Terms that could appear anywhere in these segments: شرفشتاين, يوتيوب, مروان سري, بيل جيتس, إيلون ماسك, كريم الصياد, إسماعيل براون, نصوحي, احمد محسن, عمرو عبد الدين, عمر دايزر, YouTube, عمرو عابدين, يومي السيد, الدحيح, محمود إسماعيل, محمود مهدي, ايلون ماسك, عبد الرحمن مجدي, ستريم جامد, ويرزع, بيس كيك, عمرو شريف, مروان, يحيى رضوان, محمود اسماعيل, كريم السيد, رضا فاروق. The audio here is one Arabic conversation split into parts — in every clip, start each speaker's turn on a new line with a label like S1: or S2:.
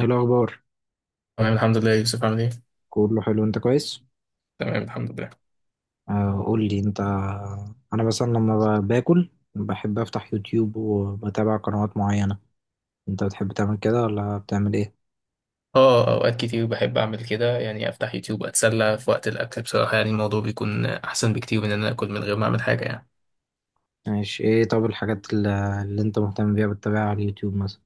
S1: ايه الاخبار؟
S2: تمام الحمد لله يا يوسف عامل ايه؟
S1: كله حلو، انت كويس؟
S2: تمام الحمد لله.
S1: قول لي انت. انا مثلا لما باكل بحب افتح يوتيوب وبتابع قنوات معينة. انت بتحب تعمل كده ولا بتعمل ايه؟
S2: اه، اوقات كتير بحب اعمل كده، يعني افتح يوتيوب اتسلى في وقت الاكل بصراحة، يعني الموضوع بيكون احسن بكتير من ان انا اكل من غير ما اعمل حاجة يعني.
S1: ماشي، ايه؟ طب الحاجات اللي انت مهتم بيها بتتابعها على اليوتيوب مثلا؟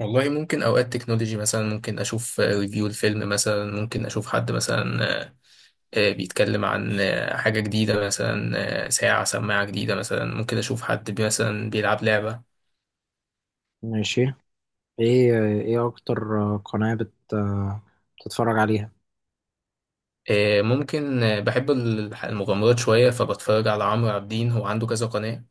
S2: والله ممكن اوقات تكنولوجي مثلا، ممكن اشوف ريفيو الفيلم مثلا، ممكن اشوف حد مثلا بيتكلم عن حاجة جديدة مثلا، ساعة سماعة جديدة مثلا، ممكن اشوف حد مثلا بيلعب لعبة.
S1: ماشي. ايه اكتر قناة بتتفرج عليها؟
S2: ممكن بحب المغامرات شوية، فبتفرج على عمرو عابدين، هو عنده كذا قناة،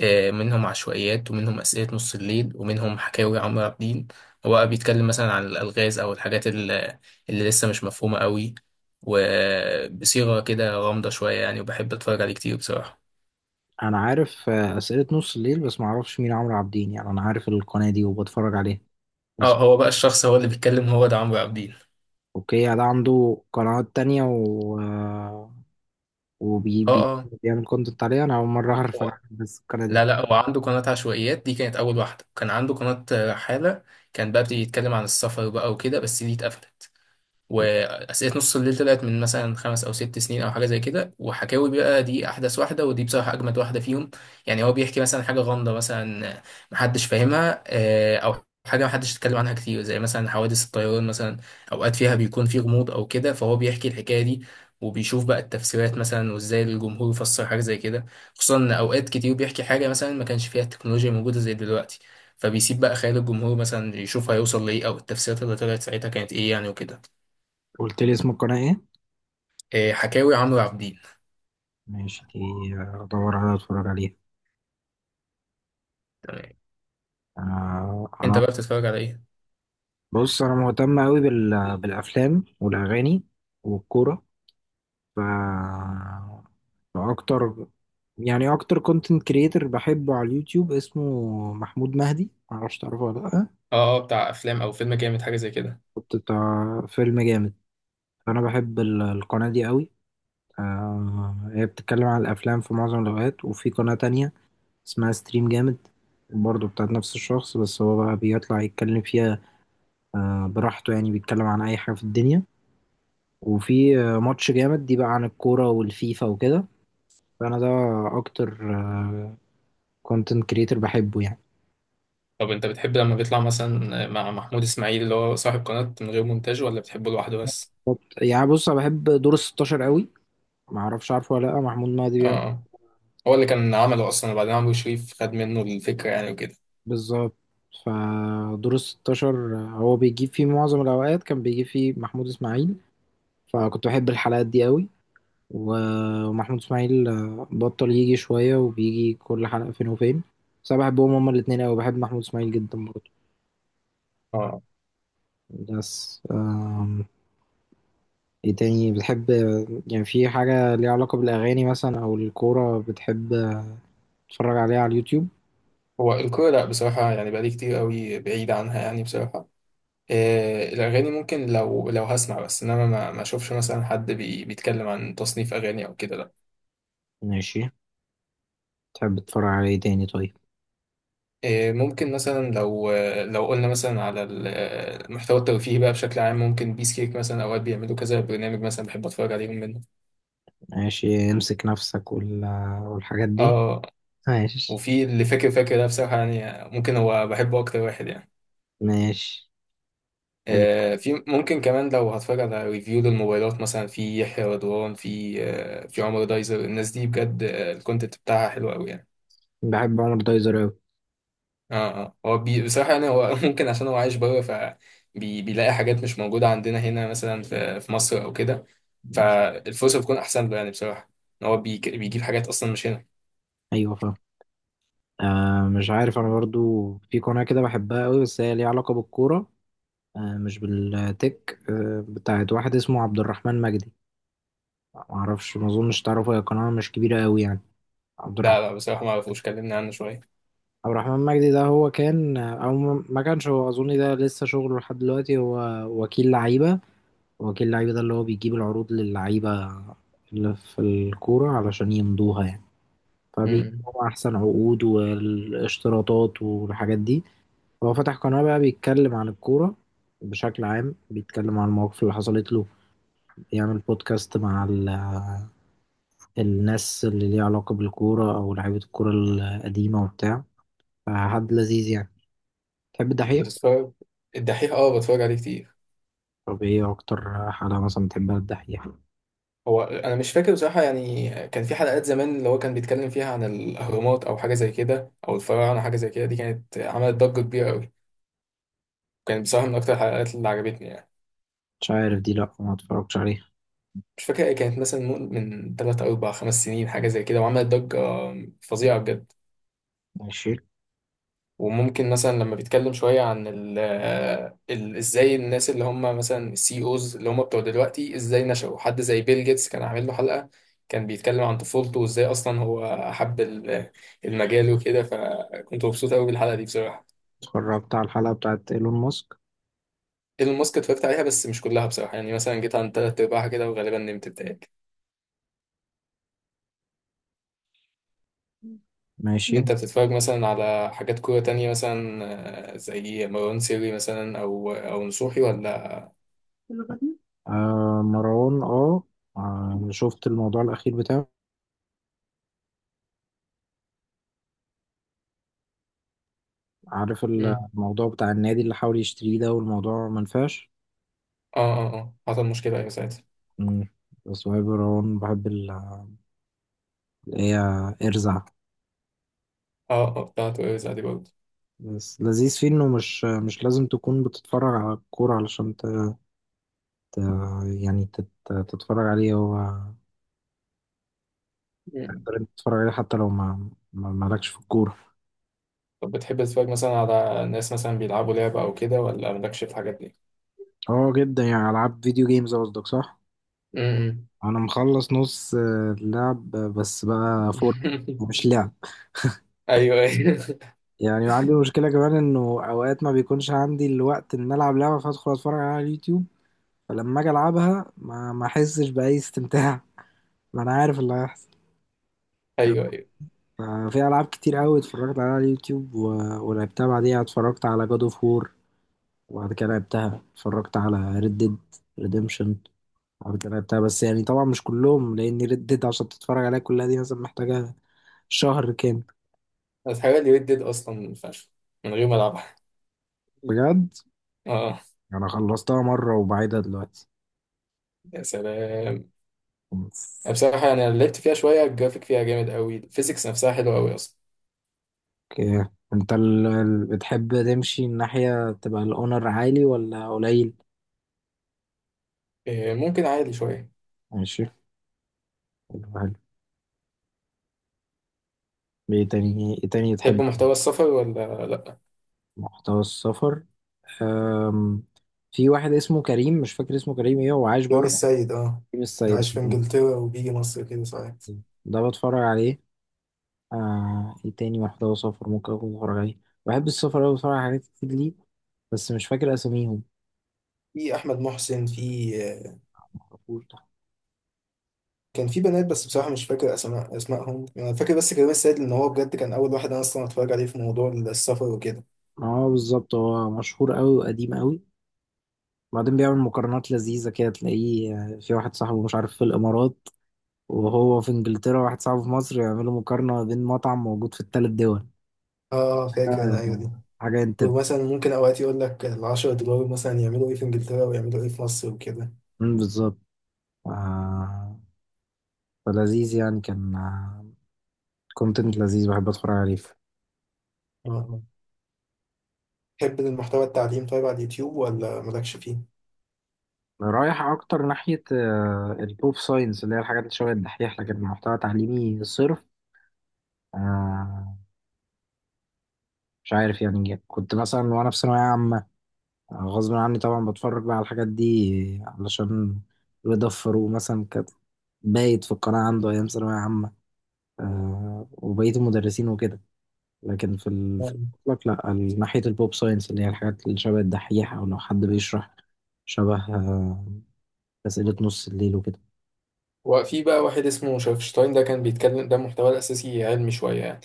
S2: منهم عشوائيات ومنهم أسئلة نص الليل ومنهم حكاوي عمرو عبد الدين. هو بقى بيتكلم مثلا عن الألغاز أو الحاجات اللي لسه مش مفهومة قوي، وبصيغة كده غامضة شوية يعني، وبحب أتفرج عليه كتير بصراحة.
S1: انا عارف اسئلة نص الليل، بس ما اعرفش مين عمرو عابدين. يعني انا عارف القناة دي وبتفرج عليها
S2: اه،
S1: بس.
S2: هو بقى الشخص هو اللي بيتكلم، هو ده عمرو عبد الدين.
S1: اوكي، يعني ده عنده قنوات تانية
S2: اه اه.
S1: وبيعمل كونتنت عليها. انا اول مره اعرف، انا
S2: هو
S1: عارف بس القناه دي.
S2: لا، هو عنده قناة عشوائيات، دي كانت أول واحدة، كان عنده قناة رحالة، كان بقى بيتكلم عن السفر بقى وكده، بس دي اتقفلت. واسئله نص الليل طلعت من مثلا خمس او ست سنين او حاجه زي كده، وحكاوي بقى دي احدث واحده، ودي بصراحه اجمد واحده فيهم. يعني هو بيحكي مثلا حاجه غامضه مثلا، محدش فاهمها، او حاجه محدش اتكلم عنها كتير، زي مثلا حوادث الطيران مثلا، اوقات فيها بيكون في غموض او كده، فهو بيحكي الحكايه دي، وبيشوف بقى التفسيرات مثلا، وازاي الجمهور يفسر حاجه زي كده، خصوصا ان اوقات كتير بيحكي حاجه مثلا ما كانش فيها التكنولوجيا موجوده زي دلوقتي، فبيسيب بقى خيال الجمهور مثلا يشوف هيوصل لايه، او التفسيرات اللي طلعت ساعتها كانت ايه يعني وكده.
S1: قلت لي اسم القناه ايه؟
S2: حكاوي عمرو عابدين.
S1: ماشي دي، ادور عليها اتفرج عليها.
S2: تمام.
S1: انا
S2: انت
S1: انا
S2: بقى بتتفرج على ايه؟
S1: بص، انا مهتم قوي بالافلام والاغاني والكوره. ف فاكتر، يعني اكتر كونتنت كريتور بحبه على اليوتيوب اسمه محمود مهدي، معرفش تعرفه ولا لا.
S2: اه اه، بتاع افلام، او فيلم جامد حاجه زي كده.
S1: كنت بتاع فيلم جامد، فانا بحب القناه دي قوي. هي بتتكلم عن الافلام في معظم الاوقات. وفي قناه تانية اسمها ستريم جامد، برضه بتاعت نفس الشخص، بس هو بقى بيطلع يتكلم فيها براحته، يعني بيتكلم عن أي حاجة في الدنيا. وفي ماتش جامد دي بقى عن الكورة والفيفا وكده. فأنا ده أكتر كونتنت كريتور بحبه يعني.
S2: طب انت بتحب لما بيطلع مثلا مع محمود اسماعيل اللي هو صاحب قناه من غير مونتاج، ولا بتحبه لوحده بس؟
S1: يعني بص، أنا بحب دور الستاشر قوي. معرفش عارفه ولا لأ، محمود مهدي
S2: اه
S1: بيعمل.
S2: آه. هو اللي كان عمله اصلا، وبعدين عمرو شريف خد منه الفكره يعني وكده.
S1: بالظبط. فدور الستاشر هو بيجيب فيه، معظم الأوقات كان بيجيب فيه محمود إسماعيل، فكنت بحب الحلقات دي قوي. ومحمود اسماعيل بطل يجي شوية، وبيجي كل حلقة فين وفين. بس أنا بحبهم هما الاتنين أوي، بحب محمود اسماعيل جدا برضه.
S2: اه.
S1: بس ايه تاني بتحب؟ يعني في حاجة ليها علاقة بالأغاني مثلا أو الكورة بتحب تتفرج عليها على اليوتيوب؟
S2: هو الكوره لا بصراحه، يعني بقالي كتير قوي بعيد عنها يعني بصراحه. إيه، الاغاني ممكن لو لو هسمع بس، انما ما اشوفش مثلا حد بيتكلم عن تصنيف اغاني او كده لا.
S1: ماشي. تحب تتفرج على ايه تاني طيب؟
S2: ممكن مثلا لو قلنا مثلا على المحتوى الترفيهي بقى بشكل عام، ممكن بيس كيك مثلا اوقات بيعملوا كذا برنامج مثلا، بحب اتفرج عليهم منه.
S1: ماشي، امسك نفسك والحاجات دي.
S2: اه.
S1: ماشي.
S2: وفي اللي فاكر ده بصراحة، يعني ممكن هو بحبه اكتر واحد يعني.
S1: ماشي. حلو.
S2: في ممكن كمان لو هتفرج على ريفيو للموبايلات مثلا، في يحيى رضوان، في في عمر دايزر، الناس دي بجد الكونتنت بتاعها حلو قوي يعني.
S1: بحب عمر دايزر أوي.
S2: اه اه، هو بصراحة يعني هو ممكن عشان هو عايش بره، فبيلاقي حاجات مش موجودة عندنا هنا مثلا في مصر أو كده، فالفرصة بتكون أحسن له يعني بصراحة، إن هو بيجيب حاجات أصلا مش هنا.
S1: أيوة فاهم. آه مش عارف، انا برضو في قناة كده بحبها قوي بس هي ليها علاقة بالكورة. آه مش بالتك، آه، بتاعت واحد اسمه عبد الرحمن مجدي. معرفش، ما اظنش تعرفه، هي قناة مش كبيرة قوي يعني. عبد
S2: ده
S1: الرحمن.
S2: لا بصراحة ما أعرفوش، كلمني عنه شوية.
S1: عبد الرحمن مجدي ده، هو كان ما كانش، هو اظن ده لسه شغله لحد دلوقتي، هو وكيل لعيبة. وكيل لعيبة ده اللي هو بيجيب العروض للعيبة اللي في الكورة علشان يمضوها يعني،
S2: امم
S1: فبيجيبوا احسن عقود والاشتراطات والحاجات دي. هو فتح قناة بقى بيتكلم عن الكورة بشكل عام، بيتكلم عن المواقف اللي حصلت له، يعمل بودكاست مع الناس اللي ليها علاقة بالكورة أو لعيبة الكورة القديمة وبتاع. فحد لذيذ يعني. تحب الدحيح؟
S2: بتتفرج الدحيح؟ اه، بتفرج عليه كتير.
S1: طب ايه أكتر حلقة مثلا بتحبها الدحيح؟
S2: هو أنا مش فاكر بصراحة، يعني كان في حلقات زمان اللي هو كان بيتكلم فيها عن الأهرامات أو حاجة زي كده، أو الفراعنة حاجة زي كده، دي كانت عملت ضجة كبيرة أوي، كانت بصراحة من أكتر الحلقات اللي عجبتني يعني.
S1: مش عارف دي، لأ، ما اتفرجتش عليها.
S2: مش فاكر، كانت مثلا من تلات أو أربع خمس سنين حاجة زي كده، وعملت ضجة فظيعة بجد.
S1: ماشي.
S2: وممكن مثلا لما بيتكلم شوية عن ال ازاي الناس اللي هم مثلا السي اوز اللي هم بتوع دلوقتي ازاي نشأوا، حد زي بيل جيتس كان عامل له حلقة، كان بيتكلم عن طفولته وازاي اصلا هو حب المجال وكده، فكنت مبسوط قوي بالحلقة دي بصراحة.
S1: اتفرجت على الحلقة بتاعت إيلون ماسك.
S2: ايلون ماسك اتفرجت عليها بس مش كلها بصراحة، يعني مثلا جيت عن تلات ارباعها كده، وغالبا نمت بتاعي.
S1: ماشي.
S2: انت بتتفرج مثلا على حاجات كورة تانية مثلا، زي مروان سري مثلا، او نصوحي ولا؟
S1: آه مروان، اه. شفت الموضوع الأخير بتاعه؟ عارف
S2: مم.
S1: الموضوع بتاع النادي اللي حاول يشتريه ده والموضوع منفعش؟
S2: اه اه اه، حصل مشكلة ايوه ساعتها.
S1: مم. اسماعيل براون، بحب اللي هي ارزع.
S2: اه اه، بتاعت ويرزع دي برضه.
S1: بس لذيذ فيه انه مش لازم تكون بتتفرج على الكورة علشان ت- يعني تتفرج عليه هو.
S2: مم.
S1: تقدر انت تتفرج عليه حتى لو مالكش في الكورة.
S2: طب بتحب تتفرج مثلا على ناس مثلا بيلعبوا لعبة او كده، ولا مالكش في الحاجات دي؟
S1: اه جدا، يعني العاب فيديو جيمز قصدك صح؟
S2: مم.
S1: انا مخلص نص اللعب بس بقى فور. مش لعب.
S2: ايوه ايوه.
S1: يعني عندي مشكلة كمان انه اوقات ما بيكونش عندي الوقت ان العب لعبة، فادخل اتفرج على اليوتيوب، فلما اجي العبها ما احسش باي استمتاع. ما انا عارف اللي هيحصل. ف-
S2: ايوه ايوه،
S1: في العاب كتير قوي اتفرجت عليها على اليوتيوب ولعبتها بعديها. اتفرجت على جاد اوف وور وبعد كده لعبتها. اتفرجت على ريد ديد ريديمشن بعد كده لعبتها، بس يعني طبعا مش كلهم، لان ريد ديد عشان تتفرج عليها كلها دي مثلا محتاجة شهر كامل.
S2: الحاجات دي ردت اصلا فشخ من غير ما العبها.
S1: بجد،
S2: اه.
S1: انا خلصتها مرة وبعيدها دلوقتي.
S2: يا سلام. بصراحة يعني انا لعبت فيها شوية، الجرافيك فيها جامد قوي، الفيزيكس نفسها حلوة قوي اصلا.
S1: اوكي، انت بتحب تمشي الناحية تبقى الاونر عالي ولا قليل؟
S2: ممكن عادي شوية.
S1: ماشي. ايه تاني
S2: تحب
S1: تحب؟
S2: محتوى السفر ولا لأ؟
S1: محتوى السفر. أم... في واحد اسمه كريم، مش فاكر اسمه كريم ايه، هو عايش
S2: يومي
S1: بره.
S2: السيد اه.
S1: كريم
S2: اللي
S1: الصياد
S2: عايش في انجلترا وبيجي مصر كده ساعات.
S1: ده بتفرج عليه. ايه تاني محتوى سفر ممكن اكون بتفرج عليه. بحب السفر اوي، بتفرج على حاجات كتير ليه بس مش فاكر اساميهم.
S2: في احمد محسن، في
S1: معرفوش ده.
S2: كان في بنات بس بصراحه مش فاكر اسماء اسمائهم. انا فاكر بس كريم السيد، لان هو بجد كان اول واحد انا اصلا اتفرج عليه في موضوع السفر وكده.
S1: اه بالظبط، هو مشهور اوي وقديم اوي. بعدين بيعمل مقارنات لذيذة كده، تلاقيه في واحد صاحبه مش عارف في الإمارات، وهو في إنجلترا، واحد صاحبه في مصر، يعملوا مقارنة بين مطعم موجود في الثلاث دول.
S2: اه فاكر انا
S1: آه،
S2: ايوه دي.
S1: حاجة انت.
S2: ومثلا ممكن اوقات يقول لك ال 10 دولار مثلا يعملوا ايه في انجلترا، ويعملوا ايه في مصر وكده.
S1: مم، بالظبط. آه، فلذيذ يعني، كان كونتنت لذيذ بحب اتفرج عليه.
S2: اه آه. تحب المحتوى التعليم طيب على اليوتيوب، ولا مالكش فيه؟
S1: رايح اكتر ناحية البوب ساينس، اللي هي الحاجات اللي شبه الدحيح، لكن محتوى تعليمي صرف. آه، مش عارف يعني، كنت مثلا وانا في ثانوية عامة غصب عني طبعا بتفرج بقى على الحاجات دي علشان رضا فاروق مثلا كان بايت في القناة، عنده أيام ثانوية عامة وبقية المدرسين وكده. لكن في
S2: آه.
S1: في المطلق، لا، ناحية البوب ساينس اللي هي الحاجات اللي شبه الدحيح، أو لو حد بيشرح شبه أسئلة نص الليل وكده.
S2: وفي بقى واحد اسمه شرفشتاين، ده كان بيتكلم ده محتوى الأساسي علمي شوية يعني،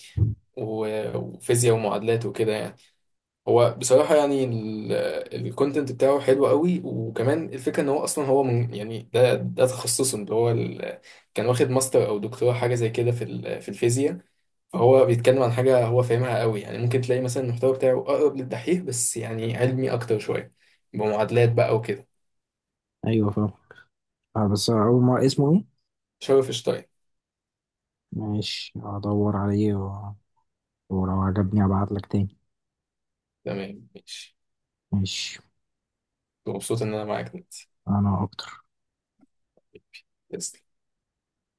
S2: وفيزياء ومعادلات وكده يعني. هو بصراحة يعني الكونتنت بتاعه حلو قوي، وكمان الفكرة ان هو اصلا هو من يعني، ده تخصصه اللي هو كان واخد ماستر او دكتوراه حاجة زي كده في في الفيزياء، فهو بيتكلم عن حاجة هو فاهمها قوي يعني، ممكن تلاقي مثلا المحتوى بتاعه اقرب للدحيح بس يعني علمي اكتر شوية، بمعادلات بقى وكده.
S1: أيوة فاهم. بس أول ما اسمه إيه؟
S2: شرف شطاي.
S1: ماشي، هدور عليه ولو عجبني أبعتلك تاني.
S2: تمام ماشي.
S1: ماشي.
S2: مبسوط ان انا معاك دلوقتي.
S1: أنا أكتر.
S2: يس.